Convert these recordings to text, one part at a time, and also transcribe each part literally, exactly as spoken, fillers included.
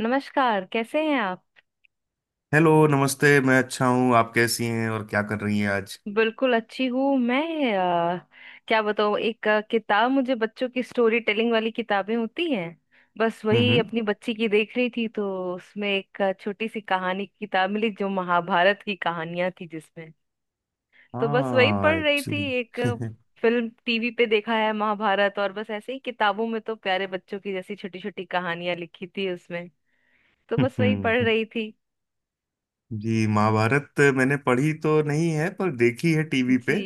नमस्कार, कैसे हैं आप? हेलो नमस्ते। मैं अच्छा हूँ। आप कैसी हैं और क्या कर रही हैं आज? बिल्कुल अच्छी हूँ मैं। अ, क्या बताऊँ, एक अ, किताब, मुझे बच्चों की स्टोरी टेलिंग वाली किताबें होती हैं, बस हम्म वही हम्म। अपनी बच्ची की देख रही थी, तो उसमें एक अ, छोटी सी कहानी की किताब मिली जो महाभारत की कहानियां थी जिसमें, तो बस वही हाँ, पढ़ रही थी। एक्चुअली। एक अ, फिल्म टीवी पे देखा है महाभारत, और बस ऐसे ही किताबों में तो प्यारे बच्चों की जैसी छोटी छोटी कहानियां लिखी थी उसमें, तो बस वही पढ़ रही थी। जी, महाभारत मैंने पढ़ी तो नहीं है पर देखी है टीवी पे। जी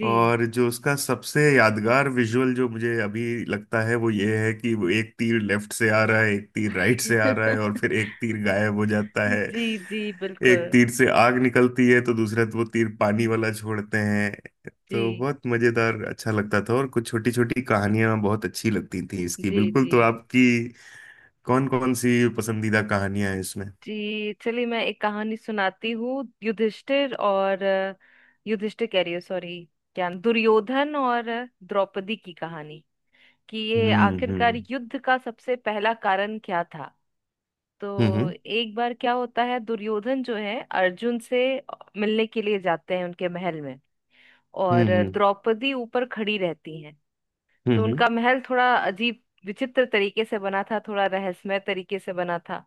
जी। और जो उसका सबसे यादगार विजुअल जो मुझे अभी लगता है वो ये है कि वो एक तीर लेफ्ट से आ रहा है, एक तीर राइट से आ रहा है, और फिर एक तीर गायब हो जाता है। जी जी एक बिल्कुल। तीर से आग निकलती है तो दूसरा वो तीर पानी वाला छोड़ते हैं। तो जी बहुत मजेदार, अच्छा लगता था, और कुछ छोटी छोटी कहानियां बहुत अच्छी लगती थी इसकी जी। बिल्कुल। जी तो आपकी कौन कौन सी पसंदीदा कहानियां हैं इसमें? जी। चलिए मैं एक कहानी सुनाती हूँ। युधिष्ठिर और अ, युधिष्ठिर कह रही हूँ, सॉरी, क्या दुर्योधन और अ, द्रौपदी की कहानी, कि ये हम्म आखिरकार हम्म युद्ध का सबसे पहला कारण क्या था। हम्म तो हम्म। एक बार क्या होता है, दुर्योधन जो है अर्जुन से मिलने के लिए जाते हैं उनके महल में, और हम्म अ, हम्म द्रौपदी ऊपर खड़ी रहती हैं। तो हम्म उनका महल थोड़ा अजीब, विचित्र तरीके से बना था, थोड़ा रहस्यमय तरीके से बना था।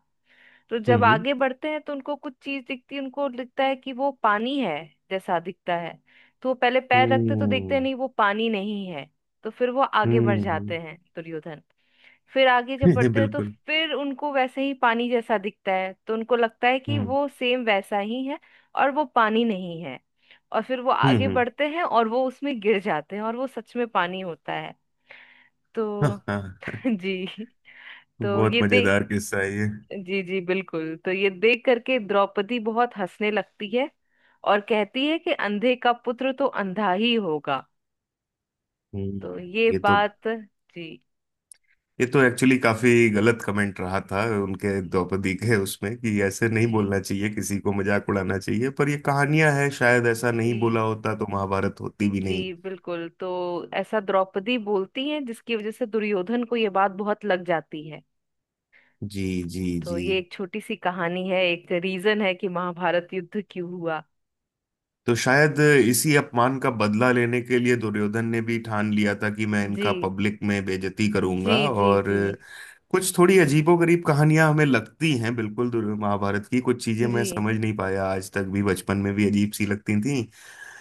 तो जब हम्म आगे बढ़ते हैं तो उनको कुछ चीज दिखती है, उनको लगता है कि वो पानी है जैसा दिखता है। तो वो पहले पैर रखते तो देखते हैं हम्म नहीं, वो पानी नहीं है। तो फिर वो आगे बढ़ हम्म जाते हैं दुर्योधन। फिर आगे जब हम्म, बढ़ते हैं तो बिल्कुल। फिर उनको वैसे ही पानी जैसा दिखता है, तो उनको लगता है कि हम्म वो सेम वैसा ही है और वो पानी नहीं है। और फिर वो आगे हम्म बढ़ते हैं और वो उसमें गिर जाते हैं और वो सच में पानी होता है। तो हम्म, जी। तो बहुत ये देख, मजेदार किस्सा है ये। जी जी बिल्कुल, तो ये देख करके द्रौपदी बहुत हंसने लगती है और कहती है कि अंधे का पुत्र तो अंधा ही होगा। हम्म। तो ये ये तो बात। जी। ये तो एक्चुअली काफी गलत कमेंट रहा था उनके द्रौपदी के उसमें, कि ऐसे नहीं जी बोलना चाहिए किसी को, मजाक उड़ाना चाहिए। पर ये कहानियां है, शायद ऐसा नहीं बोला जी होता तो महाभारत होती भी जी नहीं। बिल्कुल, तो ऐसा द्रौपदी बोलती है जिसकी वजह से दुर्योधन को ये बात बहुत लग जाती है। जी जी तो जी। ये एक छोटी सी कहानी है, एक रीजन है कि महाभारत युद्ध क्यों हुआ। तो शायद इसी अपमान का बदला लेने के लिए दुर्योधन ने भी ठान लिया था कि मैं जी इनका पब्लिक में बेइज्जती जी करूंगा। जी और जी। कुछ थोड़ी अजीबोगरीब कहानियां हमें लगती हैं बिल्कुल। दुर्- महाभारत की कुछ चीजें जी। मैं समझ नहीं पाया आज तक भी, बचपन में भी अजीब सी लगती थी।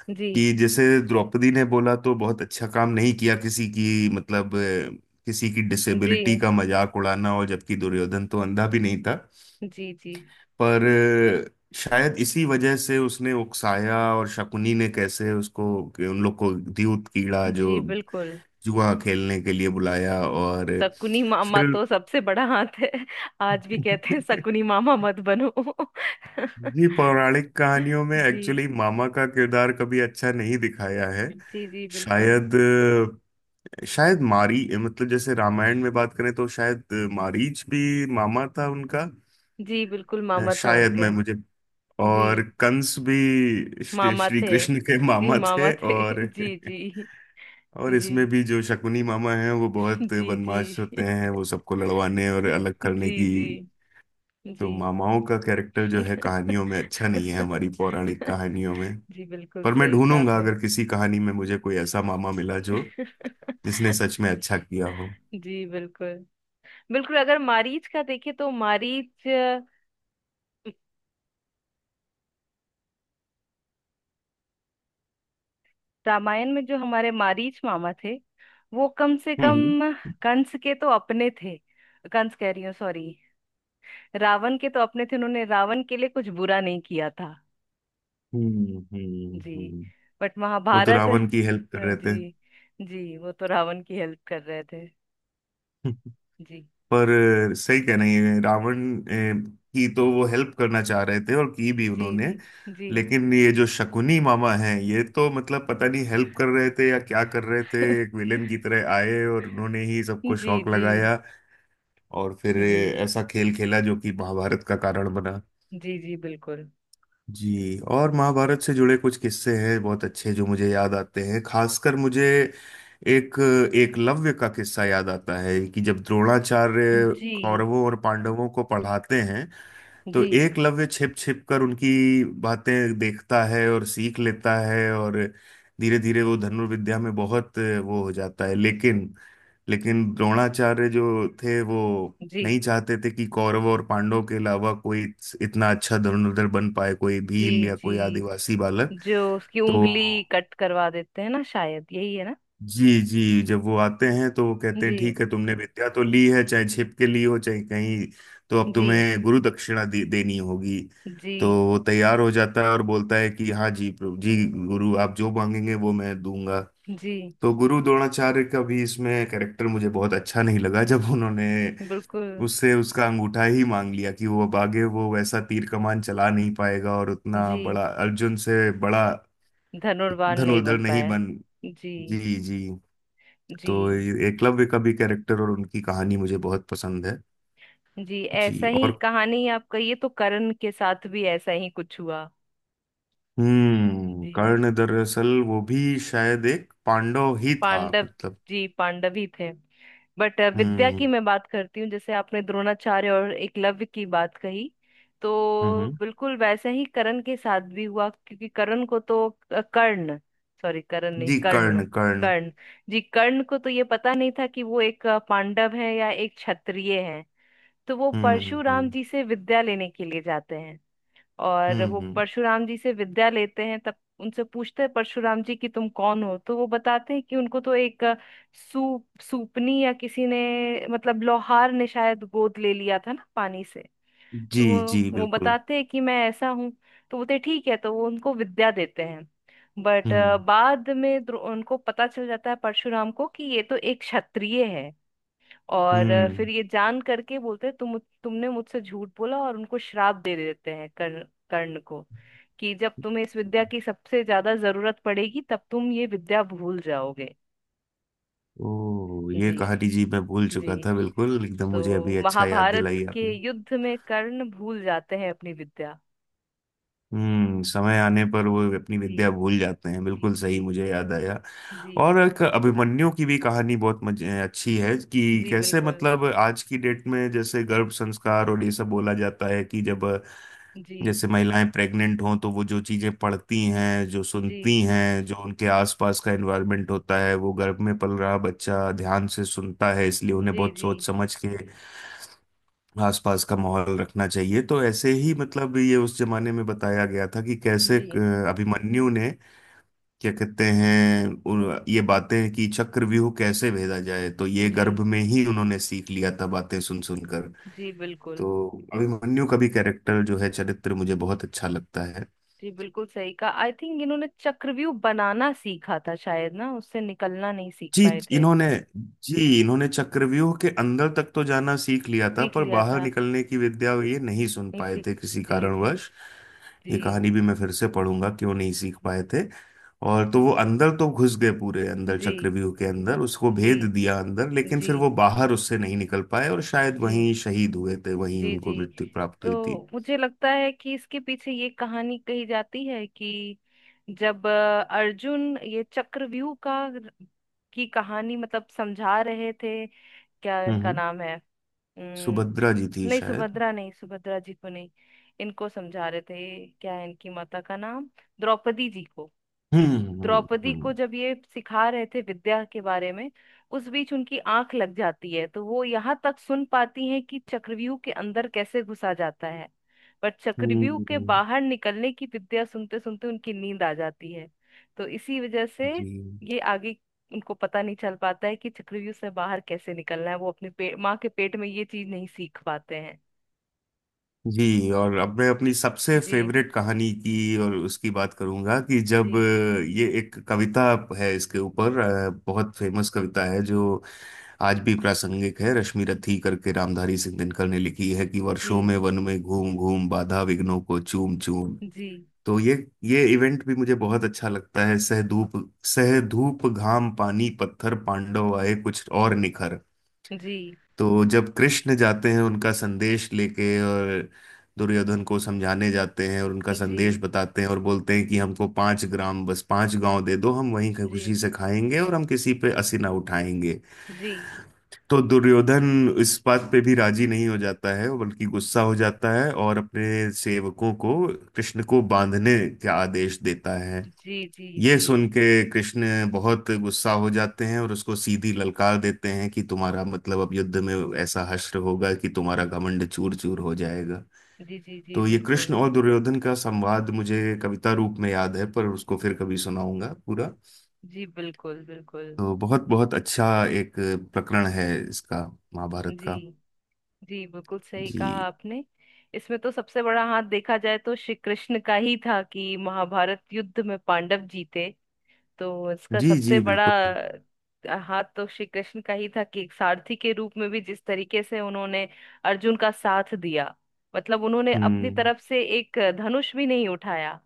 जी कि जैसे द्रौपदी ने बोला तो बहुत अच्छा काम नहीं किया किसी की, मतलब अ, किसी की डिसेबिलिटी जी का मजाक उड़ाना, और जबकि दुर्योधन तो अंधा भी नहीं था। जी जी। पर शायद इसी वजह से उसने उकसाया और शकुनी ने कैसे उसको, कि उन लोग को द्यूत कीड़ा जी जो बिल्कुल। जुआ खेलने के लिए बुलाया। और शकुनी मामा फिर। तो सबसे बड़ा हाथ है। आज भी कहते हैं शकुनी मामा मत बनो। जी, पौराणिक कहानियों में जी एक्चुअली मामा का किरदार कभी अच्छा नहीं दिखाया है। जी। जी बिल्कुल। शायद शायद मारी मतलब जैसे रामायण में बात करें तो शायद मारीच भी मामा था उनका। जी बिल्कुल मामा था शायद उनके। मैं मुझे जी और कंस भी श्री मामा श्री थे। कृष्ण के जी मामा मामा थे। थे। और जी जी। और जी इसमें भी जो शकुनी मामा हैं वो बहुत जी। जी। बदमाश होते हैं, वो सबको लड़वाने और अलग करने जी की। जी। तो जी। मामाओं का कैरेक्टर जो है कहानियों में अच्छा नहीं है, हमारी पौराणिक कहानियों में। जी बिल्कुल पर मैं सही कहा ढूंढूंगा आपने। अगर किसी कहानी में मुझे कोई ऐसा मामा मिला जो जिसने सच में अच्छा किया हो। जी बिल्कुल। बिल्कुल अगर मारीच का देखे तो मारीच, रामायण में जो हमारे मारीच मामा थे, वो कम से कम हम्म कंस के तो अपने थे। कंस कह रही हूँ, सॉरी, रावण के तो अपने थे, उन्होंने रावण के लिए कुछ बुरा नहीं किया था। हम्म हम्म जी। हम्म। बट वो तो महाभारत, रावण की हेल्प कर हाँ, रहे जी। जी वो तो रावण की हेल्प कर रहे थे। थे। जी। पर अ, सही कह रही हैं, रावण अ, की तो वो हेल्प करना चाह रहे थे और की भी जी उन्होंने। जी। जी लेकिन ये जो शकुनी मामा हैं, ये तो मतलब पता नहीं हेल्प कर रहे थे या क्या कर रहे थे, एक विलेन की तरह आए और उन्होंने ही जी। सबको शौक जी। लगाया, और फिर अ, जी ऐसा खेल खेला जो कि महाभारत का कारण बना। जी। जी बिल्कुल। जी, और महाभारत से जुड़े कुछ किस्से हैं बहुत अच्छे जो मुझे याद आते हैं। खासकर मुझे एक एकलव्य का किस्सा याद आता है कि जब द्रोणाचार्य जी कौरवों और पांडवों को पढ़ाते हैं, तो जी। एकलव्य छिप छिप कर उनकी बातें देखता है और सीख लेता है, और धीरे धीरे वो धनुर्विद्या में बहुत वो हो जाता है। लेकिन लेकिन द्रोणाचार्य जो थे वो जी नहीं चाहते थे कि कौरवों और पांडवों के अलावा कोई इतना अच्छा धनुर्धर बन पाए, कोई भील जी। या कोई जी। आदिवासी बालक। जो उसकी तो उंगली कट करवा देते हैं ना, शायद यही है ना। जी जी, जब वो आते हैं तो वो कहते हैं, जी। ठीक है, तुमने विद्या तो ली है चाहे छिप के ली हो चाहे कहीं, तो अब जी। तुम्हें गुरु दक्षिणा दे, देनी होगी। जी तो वो तैयार हो जाता है और बोलता है, कि हाँ जी, प्रभु जी, गुरु, आप जो मांगेंगे वो मैं दूंगा। जी तो गुरु द्रोणाचार्य का भी इसमें कैरेक्टर मुझे बहुत अच्छा नहीं लगा जब उन्होंने बिल्कुल। उससे उसका अंगूठा ही मांग लिया, कि वो अब आगे वो वैसा तीर कमान चला नहीं पाएगा और उतना जी। बड़ा अर्जुन से बड़ा धनुर्वान नहीं धनुर्धर बन नहीं पाया। बन। जी जी जी। तो जी। ये एकलव्य का भी कैरेक्टर और उनकी कहानी मुझे बहुत पसंद है। जी। जी, ऐसा ही और कहानी आपका, ये तो कर्ण के साथ भी ऐसा ही कुछ हुआ। हम्म जी, कर्ण दरअसल वो भी शायद एक पांडव ही था पांडव। मतलब। जी पांडव ही थे। बट अ, विद्या की हम्म मैं बात करती हूँ, जैसे आपने द्रोणाचार्य और एकलव्य की बात कही, हम्म तो हम्म, बिल्कुल वैसे ही कर्ण के साथ भी हुआ, क्योंकि कर्ण को तो अ, कर्ण सॉरी, कर्ण नहीं, जी कर्ण, कर्ण कर्ण। कर्ण। जी कर्ण को तो ये पता नहीं था कि वो एक अ, पांडव है या एक क्षत्रिय है। तो वो हम्म परशुराम हम्म जी से विद्या लेने के लिए जाते हैं, और हम्म वो हम्म, परशुराम जी से विद्या लेते हैं, तब उनसे पूछते हैं परशुराम जी कि तुम कौन हो। तो वो बताते हैं कि उनको तो एक अ, सूप सूपनी या किसी ने मतलब लोहार ने शायद गोद ले लिया था ना पानी से। जी तो वो जी वो बिल्कुल। बताते हैं कि मैं ऐसा हूँ। तो बोलते हैं, ठीक है, तो वो उनको विद्या देते हैं। बट हम्म बाद में द्रो- उनको पता चल जाता है परशुराम को कि ये तो एक क्षत्रिय है। और अ, हम्म। फिर ये जान करके बोलते हैं तुम तुमने मुझसे झूठ बोला, और उनको श्राप दे देते हैं, कर्ण, कर्ण को, कि जब तुम्हें इस विद्या की सबसे ज्यादा जरूरत पड़ेगी तब तुम ये विद्या भूल जाओगे। ओ, ये जी कहानी जी मैं भूल जी। चुका था बिल्कुल एकदम, मुझे तो अभी अच्छा याद महाभारत दिलाई के आपने। युद्ध में कर्ण भूल जाते हैं अपनी विद्या। हम्म समय आने पर वो अपनी जी विद्या भूल जाते हैं, जी बिल्कुल जी। सही, मुझे याद आया। जी और एक अभिमन्यु की भी कहानी बहुत मजे अच्छी है, कि जी कैसे बिल्कुल। मतलब आज की डेट में जैसे गर्भ संस्कार और ये सब बोला जाता है, कि जब जी जैसे महिलाएं प्रेग्नेंट हों तो वो जो चीजें पढ़ती हैं, जो जी। सुनती हैं, जो उनके आसपास का एनवायरनमेंट होता है, वो गर्भ में पल रहा बच्चा ध्यान से सुनता है। इसलिए उन्हें जी बहुत जी। सोच समझ के आसपास का माहौल रखना चाहिए। तो ऐसे ही मतलब ये उस जमाने में बताया गया था, कि कैसे जी अ, अभिमन्यु ने क्या कहते हैं उन- ये बातें कि चक्रव्यूह कैसे भेदा जाए, तो ये जी गर्भ में ही उन्होंने सीख लिया था बातें सुन सुनकर। जी बिल्कुल। तो अभिमन्यु का भी कैरेक्टर जो है, चरित्र मुझे बहुत अच्छा लगता है। जी बिल्कुल सही कहा, आई थिंक इन्होंने चक्रव्यूह बनाना सीखा था शायद ना, उससे निकलना नहीं सीख जी पाए थे। इन्होंने जी इन्होंने चक्रव्यूह के अंदर तक तो जाना सीख लिया था, सीख पर लिया बाहर था। निकलने की विद्या ये नहीं सुन नहीं पाए सीख। थे किसी जी जी। कारणवश। जी ये कहानी भी मैं फिर से पढ़ूंगा, क्यों नहीं सीख पाए थे। और तो वो अंदर तो घुस गए, पूरे अंदर जी चक्रव्यूह के अंदर, उसको जी। भेद दिया अंदर, लेकिन जी फिर वो बाहर उससे नहीं निकल पाए, और शायद जी। वहीं शहीद हुए थे, वहीं जी। जी उनको मृत्यु प्राप्त तो हुई थी। मुझे लगता है कि इसके पीछे ये कहानी कही जाती है कि जब अ, अर्जुन ये चक्रव्यूह का की कहानी मतलब समझा रहे थे, क्या इनका हम्म नाम है। नहीं सुभद्रा जी थी शायद। सुभद्रा नहीं, सुभद्रा जी को नहीं, इनको समझा रहे थे, क्या है इनकी माता का नाम, द्रौपदी जी को। हम्म हम्म द्रौपदी हम्म को जब ये सिखा रहे थे विद्या के बारे में, उस बीच उनकी आंख लग जाती है, तो वो यहाँ तक सुन पाती हैं कि चक्रव्यूह के अंदर कैसे घुसा जाता है। पर चक्रव्यूह के हम्म। बाहर निकलने की विद्या सुनते सुनते उनकी नींद आ जाती है। तो इसी वजह से जी। ये आगे उनको पता नहीं चल पाता है कि चक्रव्यूह से बाहर कैसे निकलना है, वो अपने पे, माँ के पेट में ये चीज नहीं सीख पाते हैं। जी, और अब मैं अपनी सबसे जी फेवरेट कहानी की और उसकी बात करूंगा। कि जब जी अ, ये एक कविता है इसके ऊपर, अ, बहुत फेमस कविता है जो आज भी प्रासंगिक है, रश्मि रथी करके रामधारी सिंह दिनकर ने लिखी है, कि जी वर्षों में वन में घूम घूम बाधा विघ्नों को चूम चूम। जी तो ये ये इवेंट भी मुझे बहुत अच्छा लगता है। सह धूप सह धूप घाम पानी पत्थर पांडव आए कुछ और निखर। जी जी तो जब कृष्ण जाते हैं उनका संदेश लेके, और दुर्योधन को समझाने जाते हैं और उनका जी जी संदेश बताते हैं और बोलते हैं, कि हमको पांच ग्राम, बस पांच गांव दे दो, हम वहीं जी खुशी से खाएंगे और हम किसी पे असी ना उठाएंगे। जी तो दुर्योधन इस बात पे भी राजी नहीं हो जाता है, बल्कि गुस्सा हो जाता है, और अपने सेवकों को कृष्ण को बांधने का आदेश देता है। जी ये सुन के कृष्ण बहुत गुस्सा हो जाते हैं और उसको सीधी ललकार देते हैं, कि तुम्हारा मतलब अब युद्ध में ऐसा हश्र होगा कि तुम्हारा घमंड चूर चूर हो जाएगा। जी जी। जी तो ये कृष्ण बिल्कुल। और दुर्योधन का संवाद मुझे कविता रूप में याद है, पर उसको फिर कभी सुनाऊंगा पूरा। जी बिल्कुल बिल्कुल। तो बहुत बहुत अच्छा एक प्रकरण है इसका, महाभारत जी का। जी बिल्कुल सही कहा जी आपने। इसमें तो सबसे बड़ा हाथ देखा जाए तो श्री कृष्ण का ही था कि महाभारत युद्ध में पांडव जीते। तो इसका जी सबसे जी बड़ा बिल्कुल। हाथ तो श्री कृष्ण का ही था कि एक सारथी के रूप में भी जिस तरीके से उन्होंने अर्जुन का साथ दिया, मतलब उन्होंने अपनी हम्म तरफ से एक धनुष भी नहीं उठाया,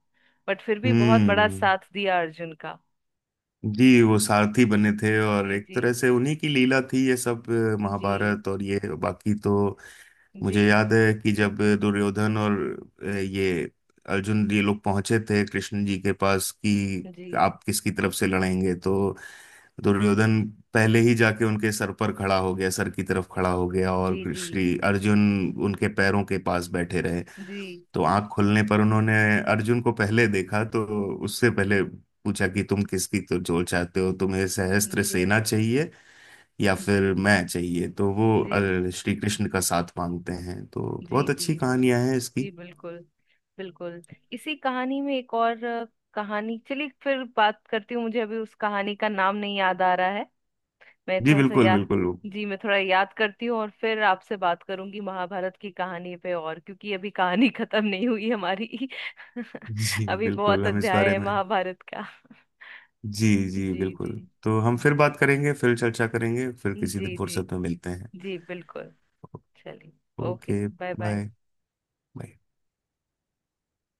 बट फिर भी बहुत बड़ा हम्म। साथ दिया अर्जुन का। जी, वो सारथी बने थे, और जी एक जी तरह से उन्हीं की लीला थी ये सब, अ, जी महाभारत और ये बाकी तो। जी मुझे याद है कि जब दुर्योधन और अ, ये अर्जुन ये लोग पहुंचे थे कृष्ण जी के पास, कि जी आप किसकी तरफ से लड़ेंगे, तो दुर्योधन पहले ही जाके उनके सर पर खड़ा हो गया, सर की तरफ खड़ा हो गया, जी जी और जी श्री अर्जुन उनके पैरों के पास बैठे रहे। जी जी तो आंख खोलने पर उन्होंने अर्जुन को पहले देखा। तो उससे पहले पूछा कि तुम किसकी, तो जो चाहते हो, तुम्हें सहस्त्र सेना चाहिए या जी फिर मैं चाहिए। तो वो जी अ, श्री कृष्ण का साथ मांगते हैं। तो जी बहुत जी अच्छी कहानियां हैं इसकी। जी बिल्कुल बिल्कुल। इसी कहानी में एक और अ, कहानी, चलिए फिर बात करती हूँ, मुझे अभी उस कहानी का नाम नहीं याद आ रहा है। मैं जी थोड़ा सा, बिल्कुल या बिल्कुल। जी, मैं थोड़ा याद करती हूँ और फिर आपसे बात करूंगी महाभारत की कहानी पे, और क्योंकि अभी कहानी खत्म नहीं हुई हमारी। जी अभी बिल्कुल, बहुत हम इस अध्याय बारे है में। महाभारत का। जी जी जी जी बिल्कुल, तो हम फिर बात करेंगे, फिर चर्चा करेंगे, फिर जी किसी जी दिन जी फुर्सत में मिलते हैं। जी बिल्कुल। चलिए। Okay, okay. Bye bye bye. Bye.